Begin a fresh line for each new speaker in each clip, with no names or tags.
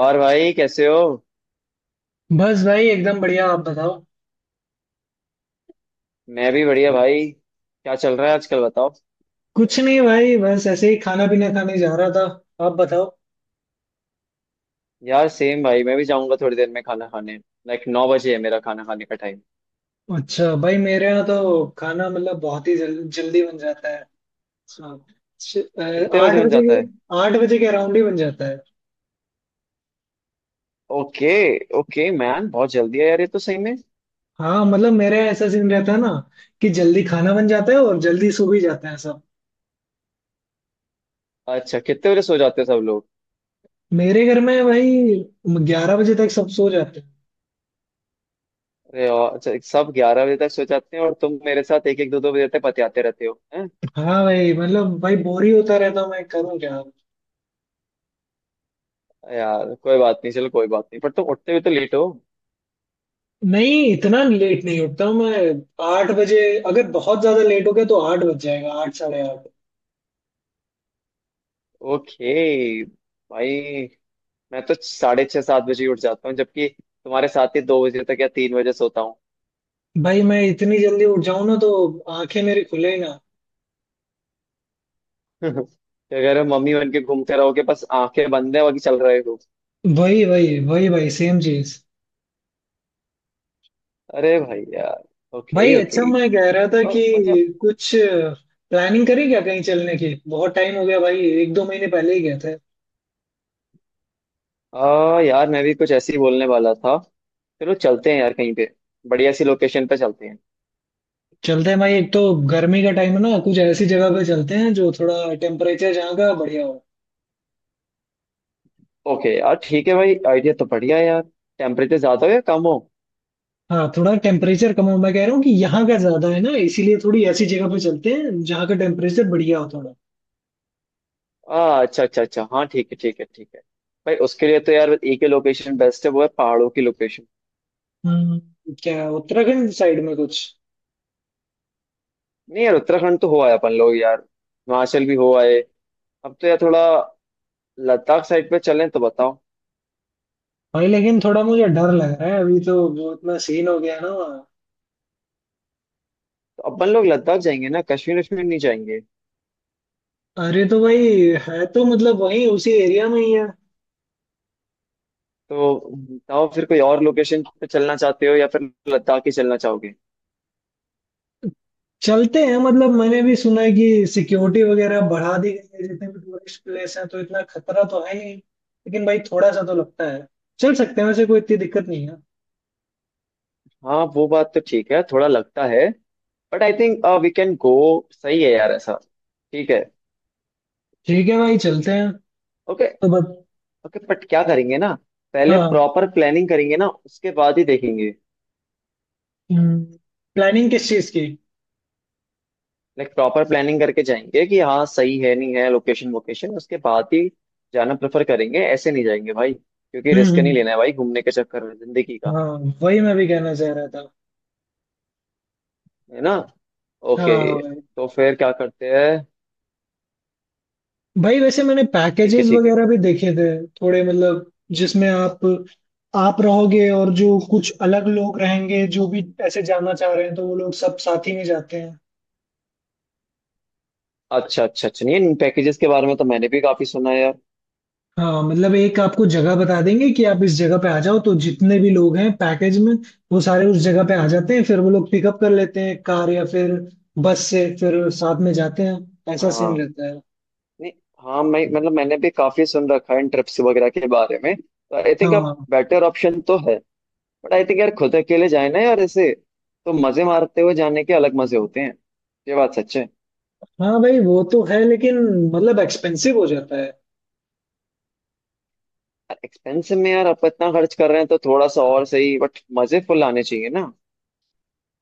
और भाई कैसे हो।
बस भाई एकदम बढ़िया। आप बताओ।
मैं भी बढ़िया भाई, क्या चल रहा है आजकल बताओ।
कुछ नहीं भाई, बस ऐसे ही खाना पीना खाने जा रहा था। आप बताओ।
यार सेम भाई, मैं भी जाऊंगा थोड़ी देर में खाना खाने। लाइक 9 बजे है मेरा खाना खाने का टाइम।
अच्छा भाई, मेरे यहाँ तो खाना मतलब बहुत ही जल्दी बन जाता है। हाँ। श- अ,
कितने
आठ
बजे बन
बजे
जाता
के
है?
आठ बजे के अराउंड ही बन जाता है।
ओके। ओके मैन, बहुत जल्दी है यार ये तो सही में।
हाँ, मतलब मेरे यहाँ ऐसा सीन रहता है ना कि जल्दी खाना बन जाता है और जल्दी सो भी जाते हैं सब।
अच्छा कितने बजे सो जाते हो सब लोग?
मेरे घर में भाई 11 बजे तक सब सो जाते हैं।
अरे अच्छा। सब 11 बजे तक सो जाते हैं और तुम मेरे साथ एक एक दो दो बजे तक पतियाते रहते हो हैं।
हाँ भाई, मतलब भाई बोर ही होता रहता हूँ, मैं करूँ क्या।
यार कोई बात नहीं, चलो कोई बात नहीं, पर तुम उठते हुए तो लेट हो।
नहीं, इतना लेट नहीं उठता हूँ मैं, 8 बजे। अगर बहुत ज्यादा लेट हो गया तो आठ बज जाएगा, 8, 8:30।
ओके। भाई, मैं तो साढ़े छह सात बजे ही उठ जाता हूँ, जबकि तुम्हारे साथ ही 2 बजे तक या 3 बजे सोता हूँ।
भाई मैं इतनी जल्दी उठ जाऊं ना तो आंखें मेरी खुले ही ना।
तो अगर मम्मी बन के घूमते रहोगे बस आंखें बंद है बाकी चल रहे हो।
वही वही वही भाई, सेम चीज।
अरे भाई यार। ओके
भाई
ओके।
अच्छा, मैं कह रहा था कि
और मतलब,
कुछ प्लानिंग करी क्या कहीं चलने की। बहुत टाइम हो गया भाई, 1-2 महीने पहले ही गए थे।
यार मैं भी कुछ ऐसे ही बोलने वाला था। चलो चलते हैं यार कहीं पे। बढ़िया सी लोकेशन पे चलते हैं।
चलते हैं भाई। एक तो गर्मी का टाइम है ना, कुछ ऐसी जगह पे चलते हैं जो थोड़ा टेम्परेचर, जहाँ का बढ़िया हो।
ओके यार ठीक है भाई, आइडिया तो बढ़िया है यार। टेम्परेचर ज्यादा हो या कम हो?
हाँ, थोड़ा टेम्परेचर कम हो, मैं कह रहा हूँ कि यहाँ का ज्यादा है ना, इसीलिए थोड़ी ऐसी जगह पे चलते हैं जहाँ का टेम्परेचर बढ़िया हो थोड़ा।
अच्छा अच्छा अच्छा, हाँ ठीक है ठीक है ठीक है। भाई उसके लिए तो यार एक ही लोकेशन बेस्ट है, वो है पहाड़ों की लोकेशन।
हम्म, क्या उत्तराखंड साइड में कुछ।
नहीं यार, उत्तराखंड तो हो आए अपन लोग यार, हिमाचल भी हो आए। अब तो यार थोड़ा लद्दाख साइड पे चलें तो बताओ।
भाई लेकिन थोड़ा मुझे डर लग रहा है, अभी तो वो इतना सीन हो गया ना वहाँ।
तो अपन लोग लद्दाख जाएंगे ना, कश्मीर वश्मीर नहीं जाएंगे।
अरे तो भाई, है तो मतलब वही उसी एरिया में ही है।
तो बताओ फिर, कोई और लोकेशन पे चलना चाहते हो या फिर लद्दाख ही चलना चाहोगे?
चलते हैं, मतलब मैंने भी सुना है कि सिक्योरिटी वगैरह बढ़ा दी गई है जितने भी टूरिस्ट प्लेस हैं, तो इतना खतरा तो है नहीं, लेकिन भाई थोड़ा सा तो लगता है। चल सकते हैं, वैसे कोई इतनी दिक्कत नहीं है।
हाँ वो बात तो ठीक है, थोड़ा लगता है। But I think we can go. सही है यार ऐसा। ठीक है।
ठीक है भाई, चलते हैं।
ओके।
तो बस।
ओके बट क्या करेंगे ना, पहले
हाँ।
प्रॉपर प्लानिंग करेंगे ना उसके बाद ही देखेंगे।
हम्म। प्लानिंग किस चीज की।
लाइक प्रॉपर प्लानिंग करके जाएंगे कि हाँ सही है नहीं है, लोकेशन वोकेशन, उसके बाद ही जाना प्रेफर करेंगे। ऐसे नहीं जाएंगे भाई, क्योंकि
हम्म,
रिस्क नहीं लेना है भाई घूमने के चक्कर में जिंदगी का।
हाँ वही मैं भी कहना चाह रहा था।
है ना? ओके।
हाँ भाई।
तो फिर क्या करते हैं?
भाई वैसे मैंने
ठीक है
पैकेजेस
ठीक है।
वगैरह भी देखे थे। थोड़े मतलब, जिसमें आप रहोगे और जो कुछ अलग लोग रहेंगे जो भी ऐसे जाना चाह रहे हैं तो वो लोग सब साथ ही में जाते हैं।
अच्छा अच्छा अच्छा, नहीं, इन पैकेजेस के बारे में तो मैंने भी काफी सुना है यार।
हाँ, मतलब एक आपको जगह बता देंगे कि आप इस जगह पे आ जाओ, तो जितने भी लोग हैं पैकेज में वो सारे उस जगह पे आ जाते हैं। फिर वो लोग पिकअप कर लेते हैं, कार या फिर बस से, फिर साथ में जाते हैं, ऐसा सीन
हाँ।
रहता है।
नहीं। हाँ, मैं मतलब मैंने भी काफी सुन रखा है इन ट्रिप्स वगैरह के बारे में, तो आई थिंक अब
हाँ।
बेटर ऑप्शन तो है। बट आई थिंक यार खुद अकेले जाए ना यार ऐसे, तो मजे मारते हुए जाने के अलग मजे होते हैं। ये बात सच है।
हाँ भाई, वो तो है, लेकिन मतलब एक्सपेंसिव हो जाता है।
यार एक्सपेंसिव में यार, आप इतना खर्च कर रहे हैं तो थोड़ा सा और सही, बट मजे फुल आने चाहिए ना।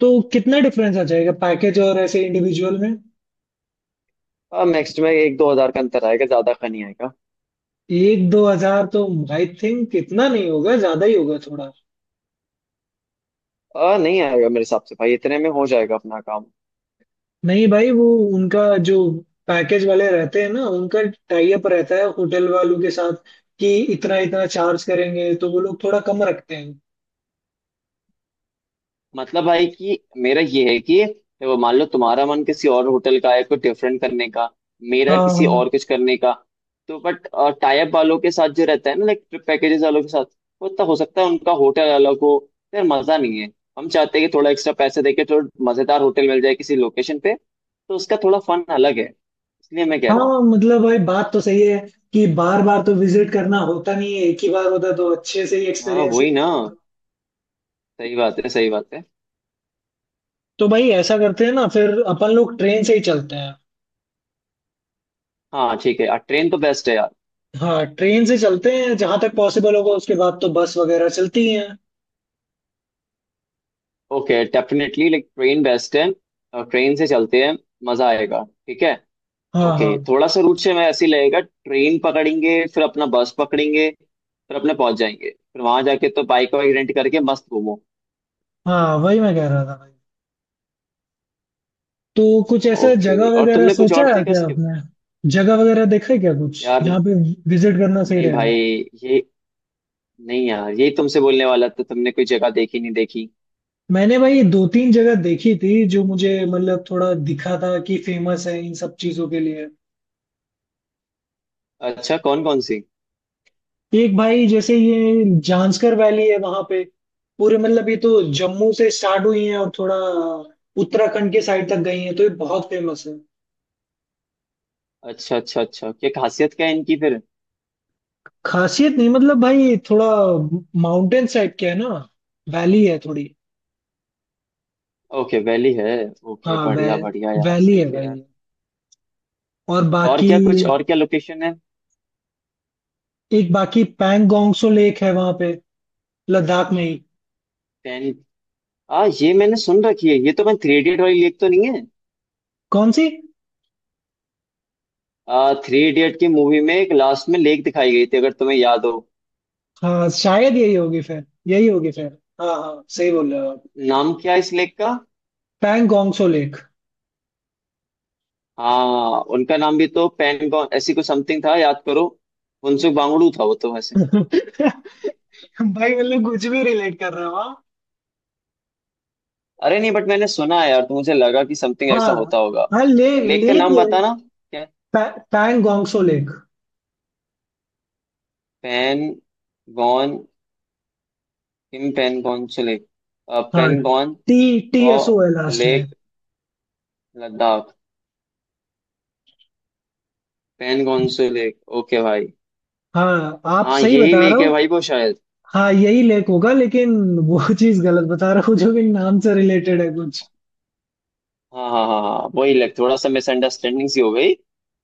तो कितना डिफरेंस आ जाएगा पैकेज और ऐसे इंडिविजुअल में।
अब नेक्स्ट में एक दो हजार का अंतर आएगा, ज्यादा का नहीं आएगा।
1-2 हजार तो आई थिंक इतना नहीं होगा, ज्यादा ही होगा थोड़ा।
नहीं आएगा मेरे हिसाब से भाई, इतने में हो जाएगा अपना काम।
नहीं भाई, वो, उनका, जो पैकेज वाले रहते हैं ना, उनका टाई अप रहता है होटल वालों के साथ, कि इतना इतना चार्ज करेंगे, तो वो लोग थोड़ा कम रखते हैं।
मतलब भाई कि मेरा ये है कि वो मान लो, तुम्हारा मन किसी और होटल का है कुछ डिफरेंट करने का, मेरा किसी
हाँ।
और कुछ करने का, तो बट टाई अप वालों के साथ जो रहता है ना, लाइक ट्रिप पैकेजेस वालों के साथ, वो तो हो सकता है उनका होटल वालों को, फिर मजा नहीं है। हम चाहते हैं कि थोड़ा एक्स्ट्रा पैसे देके थोड़ा मजेदार होटल मिल जाए किसी लोकेशन पे, तो उसका थोड़ा फन अलग है, इसलिए मैं कह रहा हूँ।
हाँ, मतलब भाई बात तो सही है कि बार बार तो विजिट करना होता नहीं है, एक ही बार होता तो अच्छे से ही
हाँ
एक्सपीरियंस
वही
लेते।
ना, सही बात है सही बात है।
तो भाई ऐसा करते हैं ना, फिर अपन लोग ट्रेन से ही चलते हैं।
हाँ ठीक है, ट्रेन तो बेस्ट है यार।
हाँ, ट्रेन से चलते हैं जहां तक पॉसिबल होगा, उसके बाद तो बस वगैरह चलती ही है।
Okay definitely, like train best है, ट्रेन से चलते हैं, मजा आएगा, ठीक है।
हाँ
ओके,
हाँ।
थोड़ा सा रूट से मैं ऐसे ही लगेगा, ट्रेन पकड़ेंगे फिर अपना बस पकड़ेंगे फिर अपने पहुंच जाएंगे, फिर वहां जाके तो बाइक वाइक रेंट करके मस्त घूमो।
हाँ वही मैं कह रहा था भाई। तो कुछ ऐसा
ओके।
जगह
और
वगैरह
तुमने कुछ
सोचा
और
है
देखा
क्या
इसके बाद?
आपने। जगह वगैरह देखा है क्या कुछ,
यार,
जहाँ पे विजिट करना सही
नहीं
रहेगा।
भाई, ये, नहीं यार ये तुमसे बोलने वाला था, तुमने कोई जगह देखी नहीं देखी?
मैंने भाई दो तीन जगह देखी थी जो मुझे मतलब थोड़ा दिखा था कि फेमस है इन सब चीजों के लिए।
अच्छा कौन कौन सी?
एक भाई, जैसे ये जांस्कर वैली है वहां पे, पूरे मतलब ये तो जम्मू से स्टार्ट हुई है और थोड़ा उत्तराखंड के साइड तक गई है, तो ये बहुत फेमस है।
अच्छा अच्छा अच्छा, क्या खासियत क्या है इनकी फिर?
खासियत नहीं मतलब भाई, थोड़ा माउंटेन साइड क्या है ना, वैली है थोड़ी।
ओके वैली है, ओके
हाँ, वै,
बढ़िया बढ़िया यार,
वैली
सही
है
है यार।
भाई। और
और
बाकी,
क्या, कुछ और क्या लोकेशन है?
एक बाकी पैंगोंगसो लेक है वहां पे, लद्दाख में ही।
10। हाँ ये मैंने सुन रखी है, ये तो मैं, थ्री इडियट वाली लेक तो नहीं है?
कौन सी।
थ्री इडियट की मूवी में एक लास्ट में लेक दिखाई गई थी अगर तुम्हें याद हो।
हाँ शायद यही होगी फिर, यही होगी फिर। हाँ हाँ, सही बोल रहे हो आप।
नाम क्या है इस लेक का?
पैंगोंगसो लेक।
हाँ, उनका नाम भी तो पेनगॉन ऐसी कुछ समथिंग था, याद करो। फुनसुक वांगडू था वो तो वैसे।
भाई मतलब कुछ भी रिलेट कर रहे हो हाँ।
अरे नहीं बट मैंने सुना है यार, तो मुझे लगा कि समथिंग ऐसा
हाँ,
होता होगा।
हाँ लेक
लेक का
लेक
नाम
ये
बताना। क्या?
पैंगोंगसो लेक।
पेन गॉन। किम पेन गॉन से लेक।
हाँ,
पेन गॉन।
टी टी
तो
एस ओ है लास्ट में।
लेक लद्दाख पैनगॉन से लेक, ओके भाई।
हाँ आप
हाँ
सही
यही
बता रहे
लेक है
हो।
भाई वो शायद।
हाँ यही लेक होगा, लेकिन वो चीज गलत बता रहा हूँ जो कि नाम से रिलेटेड है कुछ।
हाँ हाँ हाँ हाँ, वही लेक, थोड़ा सा मिसअंडरस्टैंडिंग सी हो गई।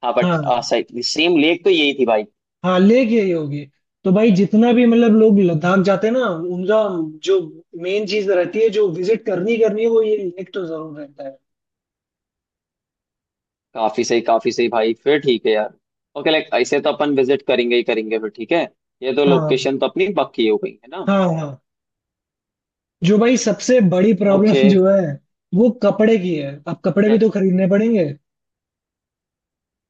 हाँ बट
हाँ।
सही, सेम लेक तो यही थी भाई।
हाँ, लेक यही होगी। तो भाई जितना भी मतलब लोग लद्दाख जाते हैं ना, उनका जो मेन चीज रहती है जो विजिट करनी करनी है, वो ये लेक तो जरूर रहता है।
काफी सही भाई, फिर ठीक है यार। ओके, लाइक ऐसे तो अपन विजिट करेंगे ही करेंगे फिर, ठीक है। ये तो
हाँ
लोकेशन तो अपनी पक्की हो गई है ना।
हाँ हाँ। जो भाई सबसे बड़ी
ओके।
प्रॉब्लम जो है वो कपड़े की है, अब कपड़े
क्या?
भी तो खरीदने पड़ेंगे।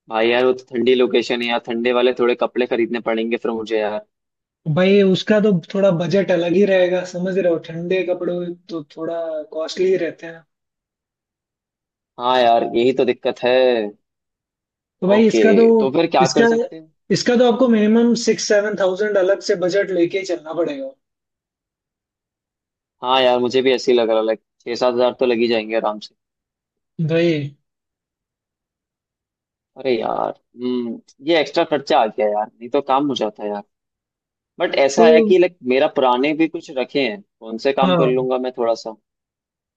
भाई यार वो तो ठंडी लोकेशन है यार, ठंडे वाले थोड़े कपड़े खरीदने पड़ेंगे फिर मुझे यार।
भाई उसका तो थोड़ा बजट अलग ही रहेगा, समझ रहे हो, ठंडे कपड़े तो थोड़ा कॉस्टली ही रहते हैं।
हाँ यार यही तो दिक्कत है।
तो भाई
ओके।
इसका तो,
तो फिर क्या कर
इसका
सकते हैं?
इसका तो आपको मिनिमम 6-7 thousand अलग से बजट लेके ही चलना पड़ेगा।
हाँ यार मुझे भी ऐसे ही लग रहा, लाइक छह सात हजार तो लग ही जाएंगे आराम से।
भाई।
अरे यार, ये एक्स्ट्रा खर्चा आ गया यार, नहीं तो काम हो जाता यार। बट
तो।
ऐसा है कि लाइक मेरा पुराने भी कुछ रखे हैं, तो उनसे काम कर
हाँ।
लूंगा मैं थोड़ा सा।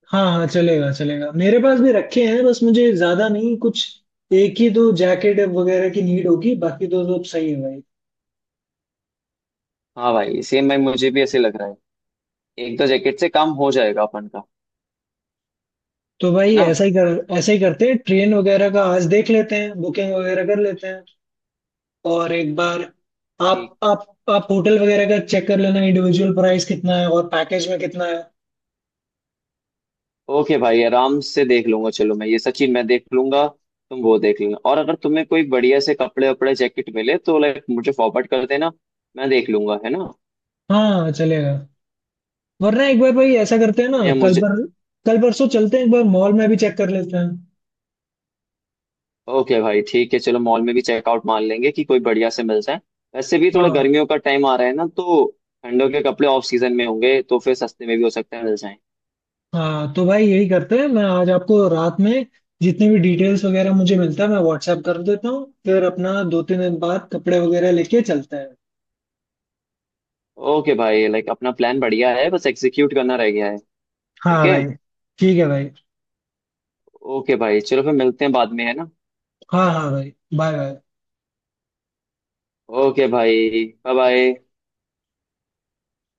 हाँ हाँ चलेगा चलेगा, मेरे पास भी रखे हैं, बस मुझे ज्यादा नहीं कुछ, एक ही दो जैकेट वगैरह की नीड होगी, बाकी तो सब सही है भाई।
हाँ भाई सेम भाई, मुझे भी ऐसे लग रहा है। एक दो जैकेट से काम हो जाएगा अपन का।
तो
है
भाई
ना?
ऐसा ही करते हैं, ट्रेन वगैरह का आज देख लेते हैं, बुकिंग वगैरह कर लेते हैं। और एक बार आप
ठीक।
आप आप होटल वगैरह का चेक कर लेना, इंडिविजुअल प्राइस कितना है और पैकेज में कितना है।
ओके भाई आराम से देख लूंगा, चलो मैं ये सचिन, मैं देख लूंगा। तुम वो देख लेना और अगर तुम्हें कोई बढ़िया से कपड़े वपड़े जैकेट मिले तो लाइक मुझे फॉरवर्ड कर देना, मैं देख लूंगा, है ना?
हाँ चलेगा। वरना एक बार भाई ऐसा करते हैं ना,
या
कल
मुझे।
पर, कल परसों चलते हैं, एक बार मॉल में भी चेक कर लेते हैं।
ओके भाई ठीक है, चलो मॉल में भी चेकआउट, मान लेंगे कि कोई बढ़िया से मिल जाए। वैसे भी थोड़ा
हाँ
गर्मियों का टाइम आ रहा है ना, तो ठंडों के कपड़े ऑफ सीजन में होंगे तो फिर सस्ते में भी हो सकता है मिल जाए।
हाँ। तो भाई यही करते हैं, मैं आज आपको रात में जितनी भी डिटेल्स वगैरह मुझे मिलता है मैं व्हाट्सएप कर देता हूँ, फिर अपना 2-3 दिन बाद कपड़े वगैरह लेके चलते हैं।
ओके भाई, लाइक अपना प्लान बढ़िया है, बस एग्जीक्यूट करना रह गया है। ठीक
हाँ
है।
भाई। ठीक है भाई।
ओके भाई चलो फिर मिलते हैं बाद में, है ना?
हाँ हाँ भाई, बाय बाय।
ओके भाई बाय बाय।